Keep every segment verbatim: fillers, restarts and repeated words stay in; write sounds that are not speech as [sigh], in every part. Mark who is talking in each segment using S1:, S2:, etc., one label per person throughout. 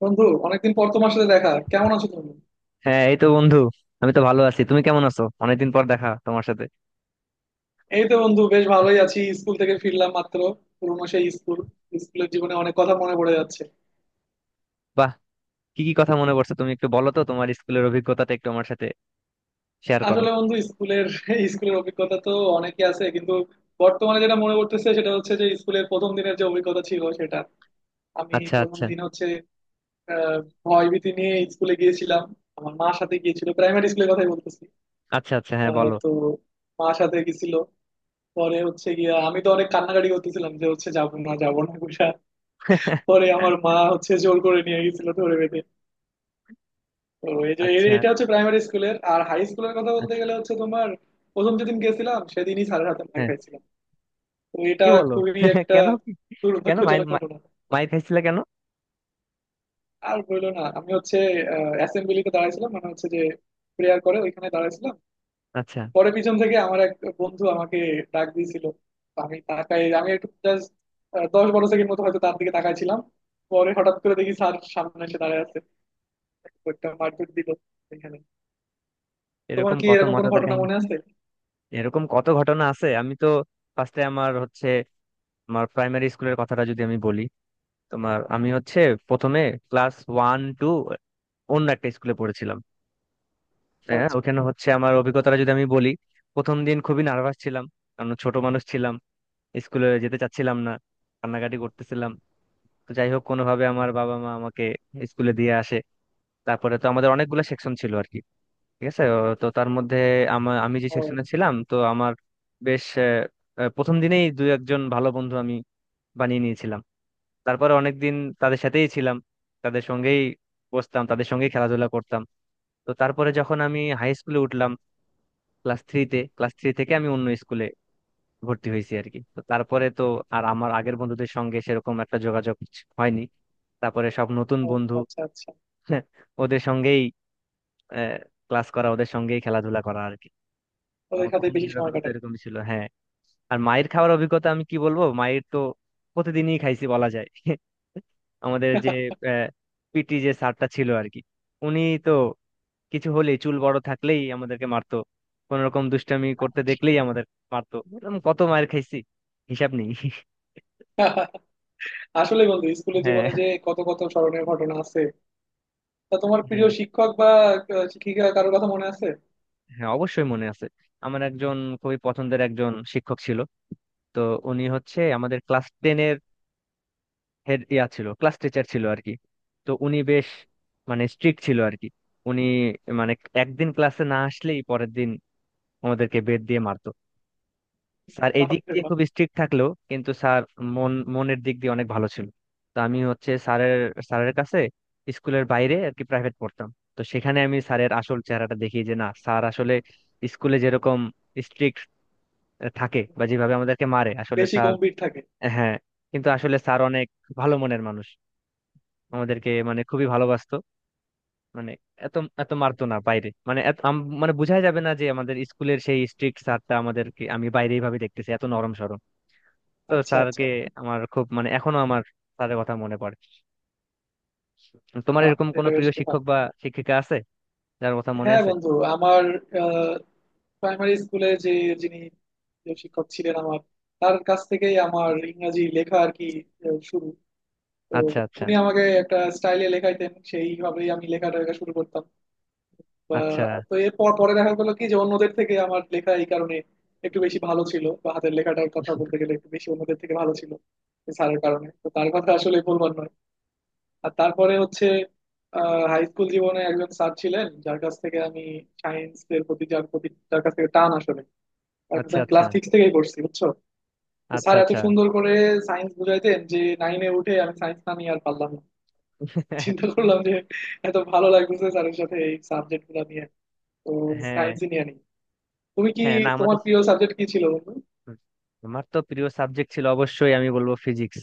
S1: বন্ধু, অনেকদিন পর তোমার সাথে দেখা। কেমন আছো তুমি?
S2: হ্যাঁ, এই তো বন্ধু। আমি তো ভালো আছি। তুমি কেমন আছো? অনেকদিন পর দেখা তোমার সাথে।
S1: এই তো বন্ধু, বেশ ভালোই আছি। স্কুল থেকে ফিরলাম মাত্র। পুরোনো সেই স্কুল। স্কুলের জীবনে অনেক কথা মনে পড়ে যাচ্ছে।
S2: বাহ! কি কি কথা মনে পড়ছে? তুমি একটু বলো তো, তোমার স্কুলের অভিজ্ঞতাটা একটু আমার সাথে শেয়ার করো।
S1: আসলে বন্ধু, স্কুলের স্কুলের অভিজ্ঞতা তো অনেকই আছে, কিন্তু বর্তমানে যেটা মনে পড়তেছে সেটা হচ্ছে যে স্কুলের প্রথম দিনের যে অভিজ্ঞতা ছিল সেটা। আমি
S2: আচ্ছা,
S1: প্রথম
S2: আচ্ছা।
S1: দিন হচ্ছে আহ ভয় ভীতি নিয়ে স্কুলে গিয়েছিলাম। আমার মার সাথে গিয়েছিল, প্রাইমারি স্কুলের কথাই বলতেছি।
S2: আচ্ছা, আচ্ছা। হ্যাঁ,
S1: আহ
S2: বলো।
S1: তো মার সাথে গেছিল, পরে হচ্ছে গিয়া আমি তো অনেক কান্নাকাটি করতেছিলাম যে হচ্ছে যাবো না যাবো না করে। পরে আমার মা
S2: [laughs]
S1: হচ্ছে জোর করে নিয়ে গেছিল ধরে বেঁধে। তো এই যে
S2: আচ্ছা,
S1: এ- এটা হচ্ছে প্রাইমারি স্কুলের। আর হাই স্কুলের কথা বলতে
S2: আচ্ছা।
S1: গেলে হচ্ছে তোমার, প্রথম যেদিন গেছিলাম সেদিনই স্যারের হাতে মার
S2: হ্যাঁ।
S1: খাইছিলাম। তো এটা
S2: কি বলো?
S1: খুবই
S2: [laughs]
S1: একটা
S2: কেন? কি- কেন মাই
S1: দুর্ভাগ্যজনক
S2: মা-
S1: ঘটনা।
S2: মাইর খাইছিলে কেন?
S1: আর বললো না, আমি হচ্ছে অ্যাসেম্বলিতে দাঁড়াইছিলাম, মানে হচ্ছে যে প্রেয়ার করে ওইখানে দাঁড়াইছিলাম।
S2: আচ্ছা।
S1: পরে পিছন থেকে আমার এক বন্ধু আমাকে ডাক দিয়েছিল। তো আমি তাকাই, আমি একটু জাস্ট দশ বারো সেকেন্ড মতো হয়তো তার দিকে তাকাইছিলাম। পরে হঠাৎ করে দেখি স্যার সামনে এসে দাঁড়ায় আছে। তো একটা মারপিট দিল এখানে। তোমার
S2: এরকম
S1: কি
S2: কত
S1: এরকম কোনো
S2: মজাদার
S1: ঘটনা
S2: কাহিনী!
S1: মনে আছে?
S2: এরকম কত ঘটনা আছে। আমি তো ফার্স্টে আমার হচ্ছে, আমার প্রাইমারি স্কুলের কথাটা যদি আমি বলি। তোমার আমি হচ্ছে প্রথমে ক্লাস ওয়ান টু অন্য একটা স্কুলে পড়েছিলাম। হ্যাঁ,
S1: আচ্ছা।
S2: ওখানে হচ্ছে আমার অভিজ্ঞতাটা যদি আমি বলি। প্রথম দিন খুবই নার্ভাস ছিলাম, কারণ ছোট মানুষ ছিলাম। স্কুলে যেতে চাচ্ছিলাম না, কান্নাকাটি করতেছিলাম। তো যাই হোক, কোনোভাবে আমার বাবা মা আমাকে স্কুলে দিয়ে আসে। তারপরে তো আমাদের অনেকগুলো সেকশন ছিল আর কি। ঠিক আছে, ও তো তার মধ্যে আমা- আমি যে
S1: ও।
S2: সেকশনে ছিলাম তো আমার বেশ আহ, আহ, প্রথম দিনেই দু একজন ভালো বন্ধু আমি বানিয়ে নিয়েছিলাম। তারপরে অনেকদিন তাদের সাথেই ছিলাম, তাদের সঙ্গেই বসতাম, তাদের সঙ্গেই খেলাধুলা করতাম। তো তারপরে যখন আমি হাই স্কুলে উঠলাম, ক্লাস থ্রিতে, ক্লাস থ্রি থেকে আমি অন্য স্কুলে ভর্তি হয়েছি আর কি। তো তারপরে তো আর আমার আগের বন্ধুদের সঙ্গে সেরকম একটা যোগাযোগ হয়নি। তারপরে সব নতুন
S1: ও,
S2: বন্ধু।
S1: আচ্ছা আচ্ছা।
S2: [laughs] ওদের সঙ্গেই ক্লাস করা, ওদের সঙ্গেই খেলাধুলা করা আর কি।
S1: ওদের
S2: আমার
S1: সাথে
S2: প্রথম
S1: বেশি
S2: দিনের
S1: সময়
S2: অভিজ্ঞতা
S1: কাটাই।
S2: এরকমই ছিল, হ্যাঁ। আর মায়ের খাওয়ার অভিজ্ঞতা আমি কি বলবো! মায়ের তো প্রতিদিনই খাইছি বলা যায়। [laughs] আমাদের যে পিটি যে স্যারটা ছিল আর কি, উনি তো কিছু হলেই, চুল বড় থাকলেই আমাদেরকে মারতো। কোন রকম দুষ্টামি করতে দেখলেই আমাদের মারতো। এরকম কত মার খাইছি হিসাব নেই।
S1: [laughs] আসলে বন্ধু, স্কুলের জীবনে
S2: হ্যাঁ,
S1: যে কত কত স্মরণীয় ঘটনা আছে। তা তোমার প্রিয়
S2: হ্যাঁ,
S1: শিক্ষক বা আহ, শিক্ষিকা কারোর কথা মনে আছে?
S2: হ্যাঁ, অবশ্যই মনে আছে। আমার একজন খুবই পছন্দের একজন শিক্ষক ছিল। তো উনি হচ্ছে আমাদের ক্লাস টেনের হেড ইয়া ছিল, ক্লাস টিচার ছিল আর কি। তো উনি বেশ মানে স্ট্রিক্ট ছিল আর কি। উনি মানে একদিন ক্লাসে না আসলেই পরের দিন আমাদেরকে বেত দিয়ে মারতো। স্যার এই
S1: বাহ
S2: দিক
S1: রে
S2: দিয়ে
S1: বাহ।
S2: খুব স্ট্রিক্ট থাকলেও কিন্তু স্যার মন মনের দিক দিয়ে অনেক ভালো ছিল। তো আমি হচ্ছে স্যারের স্যারের কাছে স্কুলের বাইরে আর কি প্রাইভেট পড়তাম। তো সেখানে আমি স্যারের আসল চেহারাটা দেখি যে, না স্যার আসলে স্কুলে যেরকম স্ট্রিক্ট থাকে বা যেভাবে আমাদেরকে মারে, আসলে
S1: বেশি
S2: স্যার,
S1: গম্ভীর থাকে।
S2: হ্যাঁ, কিন্তু আসলে স্যার অনেক ভালো মনের মানুষ। আমাদেরকে মানে খুবই ভালোবাসতো। মানে এত এত মারতো না বাইরে, মানে এত- আম- মানে বোঝাই যাবে না যে আমাদের স্কুলের সেই স্ট্রিক্ট স্যারটা আমাদেরকে আমি বাইরে এইভাবে দেখতেছি এত নরম সরম। তো
S1: আচ্ছা
S2: স্যারকে
S1: আচ্ছা।
S2: আমার খুব মানে, এখনো আমার স্যারের কথা মনে পড়ে। তোমার
S1: বাহ,
S2: এরকম কোনো
S1: এটা বেশ
S2: প্রিয়
S1: তো
S2: শিক্ষক
S1: ভালো।
S2: বা শিক্ষিকা আছে যার কথা মনে
S1: হ্যাঁ
S2: আছে?
S1: বন্ধু, আমার প্রাইমারি স্কুলে যে, যিনি, যে শিক্ষক ছিলেন আমার, তার কাছ থেকেই আমার ইংরাজি লেখা আর কি আহ, শুরু। তো
S2: আচ্ছা, আচ্ছা।
S1: উনি আমাকে একটা স্টাইলে লেখাইতেন, সেইভাবেই আমি লেখাটা লেখা শুরু করতাম বা।
S2: আচ্ছা,
S1: তো এরপর পরে দেখা গেলো কি যে অন্যদের থেকে আমার লেখা এই কারণে একটু বেশি ভালো ছিল বা হাতের লেখাটার কথা বলতে গেলে একটু বেশি অন্যদের থেকে ভালো ছিল। স্যারের কারণে তো তার কথা আসলে বলবার নয়। আর তারপরে হচ্ছে হাই স্কুল জীবনে একজন স্যার ছিলেন যার কাছ থেকে আমি সায়েন্স এর প্রতি, যার প্রতি, যার কাছ থেকে টান আসলে, তার কাছে
S2: আচ্ছা।
S1: আমি
S2: আচ্ছা,
S1: ক্লাস সিক্স থেকেই পড়ছি বুঝছো। তো
S2: আচ্ছা।
S1: স্যার এত
S2: আচ্ছা।
S1: সুন্দর করে সায়েন্স বুঝাইতেন যে নাইনে উঠে আমি সায়েন্স না নিয়ে আর পারলাম না। চিন্তা
S2: [laughs]
S1: করলাম যে এত ভালো লাগতেছে স্যারের সাথে এই সাবজেক্ট গুলো নিয়ে। তো
S2: হ্যাঁ,
S1: সায়েন্সই নিয়ে নি। তুমি কি,
S2: হ্যাঁ, না
S1: তোমার
S2: আমাদের।
S1: প্রিয় সাবজেক্ট কি ছিল বন্ধু?
S2: হুম, আমার তো প্রিয় সাবজেক্ট ছিল, অবশ্যই আমি বলবো ফিজিক্স।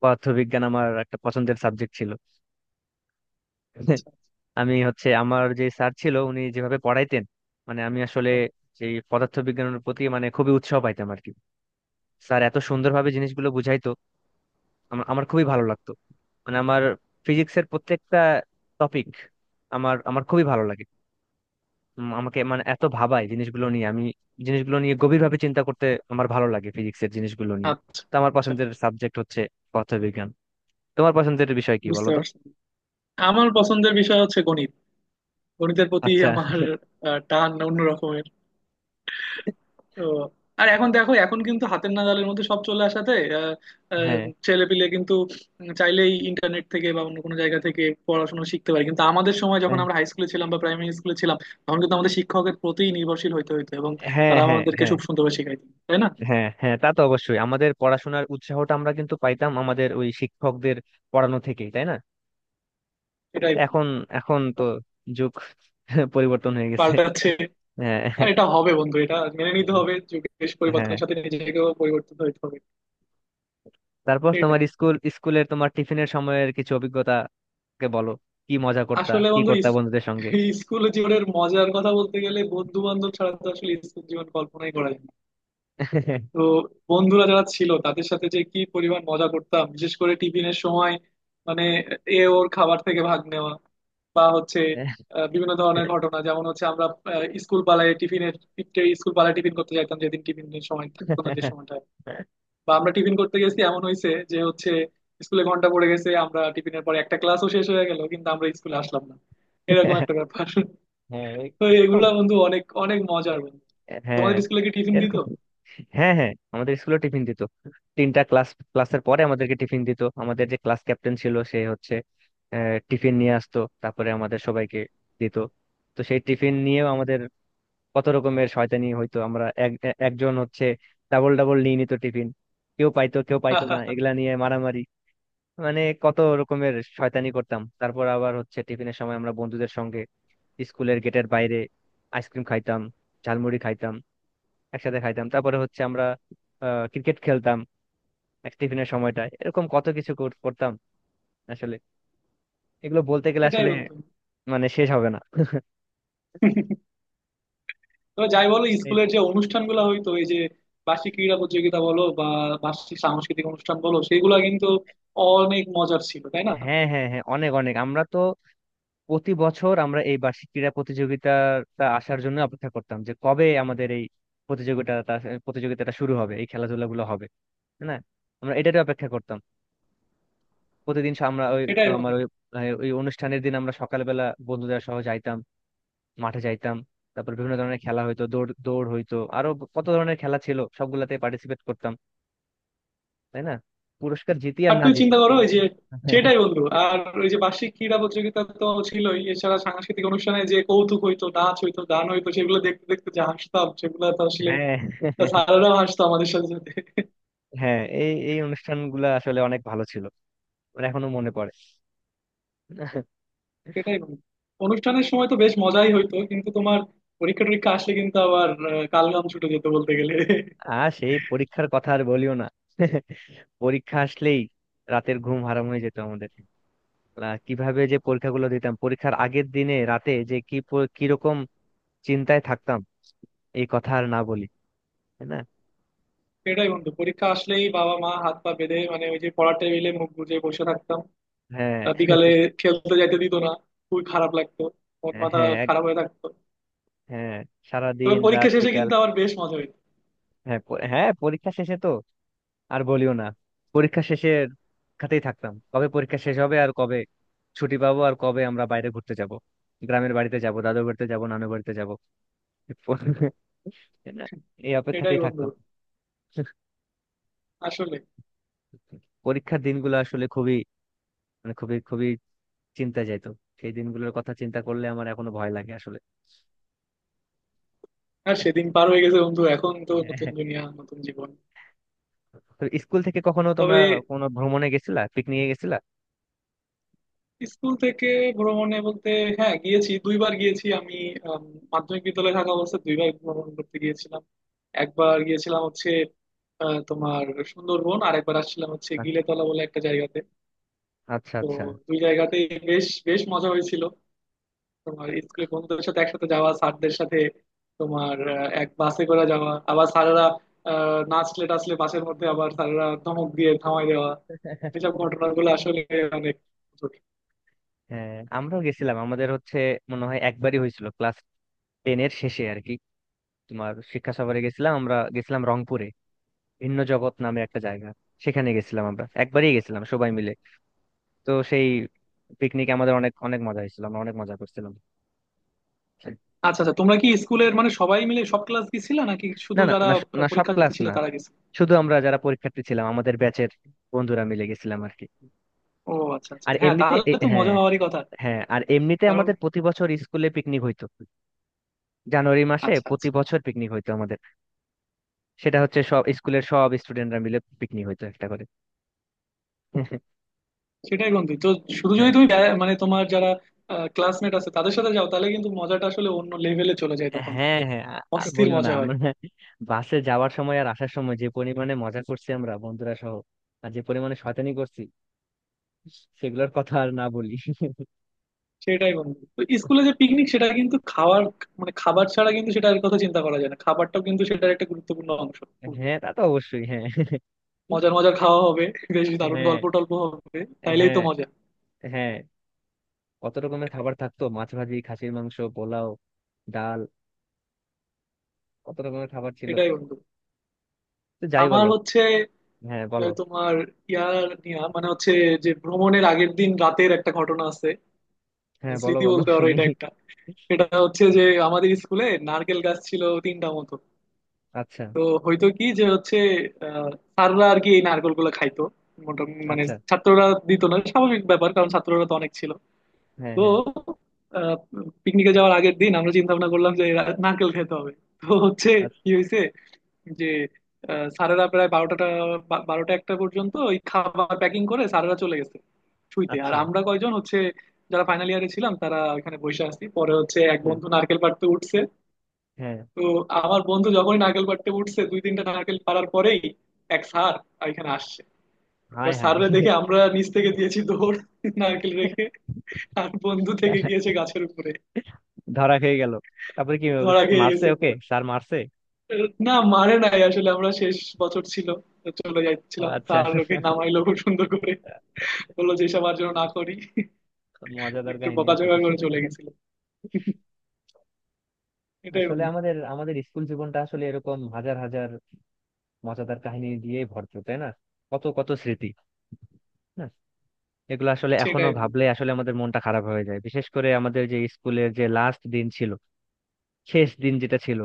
S2: পদার্থবিজ্ঞান আমার একটা পছন্দের সাবজেক্ট ছিল। [laughs] আমি হচ্ছে আমার যে স্যার ছিল উনি যেভাবে পড়াইতেন, মানে আমি আসলে সেই পদার্থবিজ্ঞানের প্রতি মানে খুবই উৎসাহ পাইতাম আর কি। স্যার এত সুন্দরভাবে জিনিসগুলো বুঝাইতো, আমার আমার খুবই ভালো লাগতো। মানে আমার ফিজিক্সের প্রত্যেকটা টপিক আমার আমার খুবই ভালো লাগে। উম, আমাকে মানে এত ভাবায় জিনিসগুলো নিয়ে। আমি জিনিসগুলো নিয়ে গভীরভাবে চিন্তা করতে আমার ভালো লাগে, ফিজিক্সের জিনিসগুলো নিয়ে।
S1: আচ্ছা
S2: তো আমার
S1: আচ্ছা আচ্ছা,
S2: পছন্দের সাবজেক্ট হচ্ছে পদার্থবিজ্ঞান। তোমার পছন্দের বিষয় কি
S1: বুঝতে
S2: বলো তো?
S1: পারছি। আমার পছন্দের বিষয় হচ্ছে গণিত। গণিতের প্রতি
S2: আচ্ছা।
S1: আমার আহ, টান অন্যরকম। তো আর এখন দেখো, এখন কিন্তু হাতের নাগালের মধ্যে সব চলে আসাতে, আহ, আহ,
S2: হ্যাঁ।
S1: ছেলেপিলে কিন্তু চাইলেই ইন্টারনেট থেকে বা অন্য কোনো জায়গা থেকে পড়াশোনা শিখতে পারে। কিন্তু আমাদের সময় যখন
S2: এহ,
S1: আমরা হাই স্কুলে ছিলাম বা প্রাইমারি স্কুলে ছিলাম, তখন কিন্তু আমাদের শিক্ষকের প্রতি নির্ভরশীল হইতে হইতো, এবং
S2: হ্যাঁ,
S1: তারা
S2: হ্যাঁ,
S1: আমাদেরকে
S2: হ্যাঁ।
S1: খুব সুন্দরভাবে শেখাইতো, তাই না?
S2: হ্যাঁ, হ্যাঁ, তা তো অবশ্যই। আমাদের পড়াশোনার উৎসাহটা আমরা কিন্তু পাইতাম আমাদের ওই শিক্ষকদের পড়ানো থেকেই, তাই না?
S1: এটাই
S2: এখন, এখন তো যুগ [laughs] পরিবর্তন হয়ে গেছে।
S1: পাল্টাচ্ছে।
S2: হ্যাঁ,
S1: আর এটা হবে বন্ধু, এটা মেনে নিতে হবে। যুগের
S2: হ্যাঁ।
S1: পরিবর্তনের সাথে নিজেকেও পরিবর্তন হইতে হবে।
S2: তারপর
S1: সেটাই।
S2: তোমার স্কুল স্কুলের তোমার টিফিনের সময়ের কিছু অভিজ্ঞতাকে বলো, কি মজা করতা
S1: আসলে
S2: কি
S1: বন্ধু
S2: করতা
S1: ইস-
S2: বন্ধুদের সঙ্গে?
S1: এই স্কুল জীবনের মজার কথা বলতে গেলে বন্ধু বান্ধব ছাড়া তো আসলে স্কুল জীবন কল্পনাই করা যায় না। তো
S2: [laughs]
S1: বন্ধুরা যারা ছিল তাদের সাথে যে কি পরিমাণ মজা করতাম বিশেষ করে টিফিনের সময়, মানে এ ওর খাবার থেকে ভাগ নেওয়া বা হচ্ছে আহ, বিভিন্ন ধরনের ঘটনা। যেমন হচ্ছে আমরা আহ, স্কুল পালায় টিফিনের স্কুল পালায় টিফিন করতে যাইতাম, যেদিন টিফিনের সময় থাকতো না যে সময়টা। বা আমরা টিফিন করতে গেছি এমন হয়েছে যে হচ্ছে স্কুলে ঘন্টা পড়ে গেছে, আমরা টিফিনের পরে একটা ক্লাসও শেষ হয়ে গেল কিন্তু আমরা স্কুলে আসলাম না, এরকম একটা ব্যাপার।
S2: হ্যাঁ,
S1: তো
S2: এরকম।
S1: এগুলা বন্ধু অনেক অনেক মজার বন্ধু।
S2: হ্যাঁ,
S1: তোমাদের স্কুলে কি টিফিন দিত?
S2: এরকম। হ্যাঁ, হ্যাঁ, আমাদের স্কুলে টিফিন দিত। তিনটা ক্লাস ক্লাসের পরে আমাদেরকে টিফিন দিত। আমাদের যে ক্লাস ক্যাপ্টেন ছিল, সে হচ্ছে আহ, টিফিন নিয়ে আসতো, তারপরে আমাদের সবাইকে দিত। তো সেই টিফিন নিয়েও আমাদের কত রকমের শয়তানি হইতো। আমরা এক এ- একজন হচ্ছে ডাবল ডাবল নিয়ে নিত টিফিন। কেউ পাইতো কেউ পাইতো না, এগুলা
S1: [laughs]
S2: নিয়ে মারামারি, মানে কত রকমের শয়তানি করতাম। তারপর আবার হচ্ছে টিফিনের সময় আমরা বন্ধুদের সঙ্গে স্কুলের গেটের বাইরে আইসক্রিম খাইতাম, ঝালমুড়ি খাইতাম, একসাথে খাইতাম। তারপরে হচ্ছে আমরা ক্রিকেট খেলতাম। এক টিফিনের সময়টা এরকম কত কিছু কর- করতাম আসলে। এগুলো বলতে গেলে
S1: এটাই
S2: আসলে
S1: বন্ধু।
S2: মানে শেষ হবে না।
S1: তো যাই বলো,
S2: এই-
S1: স্কুলের যে অনুষ্ঠানগুলো হইতো, এই যে বার্ষিক ক্রীড়া প্রতিযোগিতা বলো বা বার্ষিক সাংস্কৃতিক অনুষ্ঠান বলো, সেগুলো কিন্তু অনেক মজার ছিল, তাই না?
S2: হ্যাঁ, হ্যাঁ, হ্যাঁ, অনেক অনেক। আমরা তো প্রতি বছর আমরা এই বার্ষিক ক্রীড়া প্রতিযোগিতাটা আসার জন্য অপেক্ষা করতাম, যে কবে আমাদের এই প্রতিযোগিতাটা প্রতিযোগিতাটা শুরু হবে, এই খেলাধুলা গুলো হবে, তাই না? আমরা এটারই অপেক্ষা করতাম। প্রতিদিন সা- আমরা ওই
S1: সেটাই
S2: আমার
S1: বন্ধু।
S2: ওই ওই অনুষ্ঠানের দিন আমরা সকালবেলা বন্ধুদের সহ যাইতাম, মাঠে যাইতাম। তারপর বিভিন্ন ধরনের খেলা হইতো, দৌড় দৌড় হইতো, আরো কত ধরনের খেলা ছিল, সবগুলাতে পার্টিসিপেট করতাম, তাই না? পুরস্কার জিতি আর
S1: আর
S2: না
S1: তুই
S2: জিতি
S1: চিন্তা করো ওই
S2: কিন্তু।
S1: যে,
S2: [laughs]
S1: সেটাই বন্ধু। আর ওই যে বার্ষিক ক্রীড়া প্রতিযোগিতা তো ছিলই, এছাড়া সাংস্কৃতিক অনুষ্ঠানে যে কৌতুক হইতো, নাচ হইতো, গান হইতো, সেগুলো দেখতে দেখতে যে হাসতাম সেগুলো তো আসলে,
S2: হ্যাঁ,
S1: স্যাররাও হাসতো আমাদের সাথে সাথে।
S2: হ্যাঁ, এই এই অনুষ্ঠানগুলো আসলে অনেক ভালো ছিল। আমার এখনো মনে পড়ে।
S1: সেটাই বন্ধু, অনুষ্ঠানের সময় তো বেশ মজাই হইতো, কিন্তু তোমার পরীক্ষা টরীক্ষা আসলে কিন্তু আবার আহ, কালঘাম ছুটে যেত বলতে গেলে।
S2: আর সেই পরীক্ষার কথা আর বলিও না। পরীক্ষা আসলেই রাতের ঘুম হারাম হয়ে যেত আমাদের। আহ, কিভাবে যে পরীক্ষাগুলো দিতাম! পরীক্ষার আগের দিনে রাতে যে কি প- কিরকম চিন্তায় থাকতাম, এই কথা আর না বলি, তাই না?
S1: সেটাই বন্ধু, পরীক্ষা আসলেই বাবা মা হাত পা বেঁধে মানে ওই যে পড়ার টেবিলে মুখ গুজে বসে থাকতাম।
S2: হ্যাঁ,
S1: আহ, বিকালে খেলতে যাইতে দিত না, খুবই খারাপ লাগতো। মন মাথা
S2: হ্যাঁ,
S1: খারাপ হয়ে থাকতো।
S2: হ্যাঁ,
S1: তবে
S2: সারাদিন
S1: পরীক্ষা
S2: রাত
S1: শেষে
S2: বিকাল।
S1: কিন্তু আবার বেশ মজা হইতো।
S2: হ্যাঁ, প- হ্যাঁ, পরীক্ষা শেষে তো আর বলিও না। পরীক্ষা শেষের খাতেই থাকতাম, কবে পরীক্ষা শেষ হবে, আর কবে ছুটি পাবো, আর কবে আমরা বাইরে ঘুরতে যাব, গ্রামের বাড়িতে যাব, দাদু বাড়িতে যাব, নানু বাড়িতে যাব। [laughs]
S1: [laughs]
S2: এই
S1: সেটাই
S2: অপেক্ষাতেই
S1: বন্ধু,
S2: থাকতাম। [laughs]
S1: আসলে
S2: পরীক্ষার দিনগুলো আসলে খুবই, মানে খুবই খুবই চিন্তা যাইতো। সেই দিনগুলোর কথা চিন্তা করলে আমার এখনো ভয় লাগে আসলে।
S1: আর সেদিন পার হয়ে গেছে বন্ধু, এখন তো নতুন
S2: হ্যাঁ।
S1: দুনিয়া নতুন জীবন।
S2: তো স্কুল থেকে কখনো তোমরা
S1: তবে
S2: কোনো ভ্রমণে গেছিলা, পিকনিকে গেছিলা?
S1: স্কুল থেকে ভ্রমণে বলতে, হ্যাঁ গিয়েছি, দুইবার গিয়েছি আমি। আম, মাধ্যমিক বিদ্যালয়ে থাকা অবস্থায় দুইবার ভ্রমণ করতে গিয়েছিলাম। একবার গিয়েছিলাম হচ্ছে আহ, তোমার সুন্দরবন, আর একবার আসছিলাম হচ্ছে
S2: আ-
S1: গিলেতলা বলে একটা জায়গাতে। তো
S2: আচ্ছা,
S1: দুই জায়গাতেই বেশ বেশ মজা হয়েছিল। তোমার স্কুলে বন্ধুদের সাথে একসাথে যাওয়া, স্যারদের সাথে তোমার আহ, এক বাসে করে যাওয়া, আবার স্যারেরা আহ, নাচলে টাচলে বাসের মধ্যে, আবার স্যারেরা ধমক দিয়ে থামাই দেওয়া, এসব
S2: আচ্ছা।
S1: ঘটনাগুলো আসলে অনেক মজার।
S2: হ্যাঁ, আমরাও গেছিলাম। আমাদের হচ্ছে মনে হয় একবারই হয়েছিল, ক্লাস টেন এর শেষে আর কি। তোমার শিক্ষা সফরে গেছিলাম আমরা, গেছিলাম রংপুরে, ভিন্ন জগৎ নামে একটা জায়গা, সেখানে গেছিলাম। আমরা একবারই গেছিলাম সবাই মিলে। তো সেই পিকনিকে আমাদের অনেক অনেক মজা হয়েছিল, আমরা অনেক মজা করছিলাম।
S1: আচ্ছা আচ্ছা, তোমরা কি স্কুলের মানে সবাই মিলে সব ক্লাস গেছিলে নাকি
S2: না,
S1: শুধু
S2: না,
S1: যারা
S2: না, স-
S1: আহ,
S2: না সব
S1: পরীক্ষার্থী
S2: ক্লাস
S1: ছিল
S2: না,
S1: তারা গেছিল?
S2: শুধু আমরা যারা পরীক্ষার্থী ছিলাম আমাদের ব্যাচের বন্ধুরা মিলে গেছিলাম আর কি।
S1: ও আচ্ছা আচ্ছা,
S2: আর
S1: হ্যাঁ,
S2: এমনিতে
S1: তাহলে
S2: এ-
S1: তো
S2: হ্যাঁ,
S1: মজা হওয়ারই কথা।
S2: হ্যাঁ, আর এমনিতে
S1: কারণ
S2: আমাদের প্রতি বছর স্কুলে পিকনিক হইতো। জানুয়ারি মাসে
S1: আচ্ছা
S2: প্রতি
S1: আচ্ছা,
S2: বছর পিকনিক হইতো আমাদের। সেটা হচ্ছে সব স্কুলের সব স্টুডেন্টরা মিলে পিকনিক হইতো একটা করে।
S1: সেটাই বন্ধু। তো শুধু
S2: হ্যাঁ,
S1: যদি তুমি ব্যা- মানে তোমার যারা ক্লাসমেট আছে তাদের সাথে যাও, তাহলে কিন্তু মজাটা আসলে অন্য লেভেলে চলে যায় তখন।
S2: হ্যাঁ, হ্যাঁ, আ- আর
S1: অস্থির
S2: বলিও না।
S1: মজা হয়।
S2: আমরা বাসে যাওয়ার সময় আর আসার সময় যে পরিমাণে মজা করছি আমরা বন্ধুরা সহ, আর যে পরিমাণে শয়তানি করছি, সেগুলোর কথা আর না বলি।
S1: সেটাই বন্ধু, তো স্কুলে যে পিকনিক সেটা কিন্তু খাওয়ার মানে খাবার ছাড়া কিন্তু সেটার কথা চিন্তা করা যায় না, খাবারটাও কিন্তু সেটার একটা গুরুত্বপূর্ণ অংশ।
S2: হ্যাঁ, তা তো অবশ্যই। হ্যাঁ,
S1: মজার মজার খাওয়া হবে, বেশ দারুণ
S2: হ্যাঁ,
S1: গল্প টল্প হবে, তাইলেই
S2: হ্যাঁ,
S1: তো মজা।
S2: হ্যাঁ, কত রকমের খাবার থাকতো, মাছ ভাজি, খাসির মাংস, পোলাও, ডাল, কত রকমের খাবার ছিল।
S1: এটাই বন্ধু।
S2: তো যাই
S1: আমার
S2: বলো।
S1: হচ্ছে
S2: হ্যাঁ, বলো।
S1: আহ, তোমার ইয়ার নিয়া মানে হচ্ছে, যে ভ্রমণের আগের দিন রাতের একটা ঘটনা আছে,
S2: হ্যাঁ, বলো,
S1: স্মৃতি
S2: বলো,
S1: বলতে পারো
S2: শুনি।
S1: এটা। এটা হচ্ছে যে আমাদের স্কুলে নারকেল গাছ ছিল তিনটা মতো।
S2: আচ্ছা,
S1: তো হয়তো কি যে হচ্ছে আহ, স্যাররা আর কি এই নারকেল গুলো খাইতো মোটামুটি, মানে
S2: আচ্ছা।
S1: ছাত্ররা দিত না, স্বাভাবিক ব্যাপার কারণ ছাত্ররা তো অনেক ছিল।
S2: হ্যাঁ,
S1: তো
S2: হ্যাঁ।
S1: পিকনিকে যাওয়ার আগের দিন আমরা চিন্তা ভাবনা করলাম যে রা- নারকেল খেতে হবে। তো হচ্ছে
S2: আচ্ছা।
S1: কি হয়েছে যে আহ, স্যারেরা প্রায় বারোটা বারোটা একটা পর্যন্ত ওই খাবার প্যাকিং করে স্যারেরা চলে গেছে শুইতে। আর
S2: আচ্ছা,
S1: আমরা কয়জন হচ্ছে যারা ফাইনাল ইয়ারে ছিলাম তারা ওখানে বসে আছি। পরে হচ্ছে এক
S2: হ্যাঁ,
S1: বন্ধু নারকেল পাড়তে উঠছে।
S2: হ্যাঁ।
S1: তো আমার বন্ধু যখনই নারকেল পাড়তে উঠছে, দুই তিনটা নারকেল পাড়ার পরেই এক স্যার এখানে আসছে।
S2: হাই
S1: এবার
S2: হাই!
S1: স্যাররা দেখে আমরা নিচ থেকে দিয়েছি দৌড়, নারকেল রেখে। আর বন্ধু থেকে
S2: [laughs]
S1: গিয়েছে গাছের উপরে।
S2: ধরা খেয়ে গেল? তারপরে কি?
S1: ধরা খেয়ে
S2: মারছে
S1: গেছে
S2: ওকে,
S1: পুরো।
S2: স্যার মারছে?
S1: না মারে নাই আসলে, আমরা শেষ বছর ছিল, তো চলে
S2: ও
S1: যাচ্ছিলাম।
S2: আচ্ছা।
S1: স্যার ওকে
S2: [laughs]
S1: নামাইলো খুব সুন্দর করে, বললো যে এসব আর যেন না করি।
S2: মজাদার
S1: একটু
S2: কাহিনী আসলে।
S1: বকাঝকা করে চলে
S2: [laughs]
S1: গেছিল। এটাই
S2: আসলে
S1: বন্ধু।
S2: আমাদের আমাদের স্কুল জীবনটা আসলে এরকম হাজার হাজার মজাদার কাহিনী দিয়ে ভরপুর, তাই না? কত কত স্মৃতি। হ্যাঁ, এগুলো আসলে এখনো
S1: সেটাই বন্ধু।
S2: ভাবলে আসলে আমাদের মনটা খারাপ হয়ে যায়, বিশেষ করে আমাদের যে স্কুলের যে লাস্ট দিন ছিল, শেষ দিন যেটা ছিল,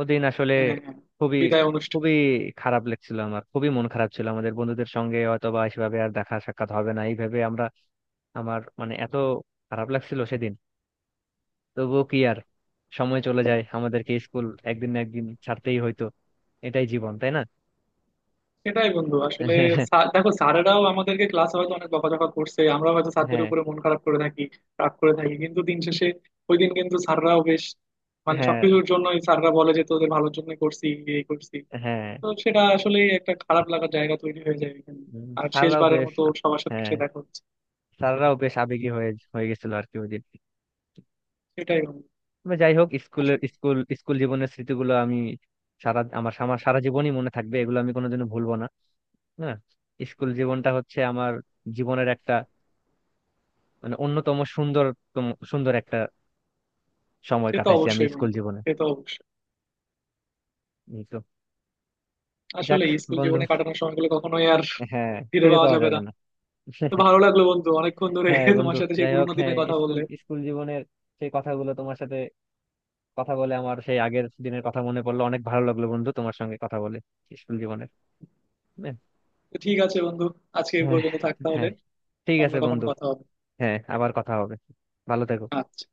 S2: ওদিন আসলে
S1: হ্যাঁ হ্যাঁ।
S2: খুবই,
S1: বিদায় অনুষ্ঠান।
S2: খুবই খারাপ লাগছিল। আমার খুবই মন খারাপ ছিল, আমাদের বন্ধুদের সঙ্গে হয়তো বা সেভাবে আর দেখা সাক্ষাৎ হবে না এইভাবে, আমরা আমার মানে এত খারাপ লাগছিল সেদিন। তবুও কি আর, সময় চলে যায়, আমাদেরকে স্কুল একদিন না একদিন ছাড়তেই হয়তো। এটাই জীবন, তাই না?
S1: সেটাই বন্ধু, আসলে
S2: [laughs]
S1: স্যার- দেখো স্যারেরাও আমাদেরকে ক্লাসে হয়তো অনেক বকাঝকা করছে, আমরাও হয়তো স্যারদের
S2: হ্যাঁ,
S1: উপরে মন খারাপ করে থাকি, রাগ করে থাকি, কিন্তু দিন শেষে ওই দিন কিন্তু স্যাররাও বেশ, মানে
S2: হ্যাঁ,
S1: সবকিছুর জন্যই স্যাররা বলে যে তোদের ভালোর জন্য করছি এই করছি।
S2: হ্যাঁ, হ্যাঁ,
S1: তো সেটা আসলে একটা খারাপ লাগার জায়গা তৈরি হয়ে যায় এখানে।
S2: উম,
S1: আর
S2: স্যাররাও
S1: শেষবারের
S2: বেশ।
S1: মতো সবার সাথে
S2: হ্যাঁ,
S1: এসে দেখা হচ্ছে।
S2: স্যাররাও বেশ আবেগী হয়ে হয়ে গেছিল আর কি ওই দিন।
S1: সেটাই বন্ধু,
S2: তবে যাই হোক, স্কুলের
S1: আসলে
S2: স্কুল স্কুল জীবনের স্মৃতিগুলো আমি সারা আমার আমার সারা জীবনই মনে থাকবে, এগুলো আমি কোনোদিনও ভুলবো না, না। স্কুল জীবনটা হচ্ছে আমার জীবনের একটা মানে অন্যতম সুন্দরতম সুন্দর একটা সময়
S1: সে তো
S2: কাটাইছি আমি
S1: অবশ্যই
S2: স্কুল
S1: বন্ধু,
S2: জীবনে।
S1: সে তো অবশ্যই।
S2: এই তো, যাক
S1: আসলে স্কুল
S2: বন্ধু।
S1: জীবনে কাটানোর সময়গুলো কখনোই আর
S2: হ্যাঁ,
S1: ফিরে
S2: ফিরে
S1: পাওয়া
S2: পাওয়া
S1: যাবে না।
S2: যাবে না।
S1: তো ভালো
S2: [laughs]
S1: লাগলো বন্ধু, অনেকক্ষণ ধরে
S2: হ্যাঁ বন্ধু,
S1: তোমার সাথে সেই
S2: যাই হোক।
S1: পুরোনো
S2: হ্যাঁ,
S1: দিনের কথা
S2: স্কুল
S1: বললে।
S2: স্কুল জীবনের সেই কথাগুলো তোমার সাথে কথা বলে, আমার সেই আগের দিনের কথা মনে পড়লো। অনেক ভালো লাগলো বন্ধু তোমার সঙ্গে কথা বলে, স্কুল জীবনের। হ্যাঁ,
S1: তো ঠিক আছে বন্ধু, আজকে এই পর্যন্ত
S2: হ্যাঁ,
S1: থাক তাহলে।
S2: হ্যাঁ, ঠিক
S1: অন্য
S2: আছে
S1: কখন
S2: বন্ধু।
S1: কথা হবে।
S2: হ্যাঁ, আবার কথা হবে। ভালো থেকো।
S1: আচ্ছা।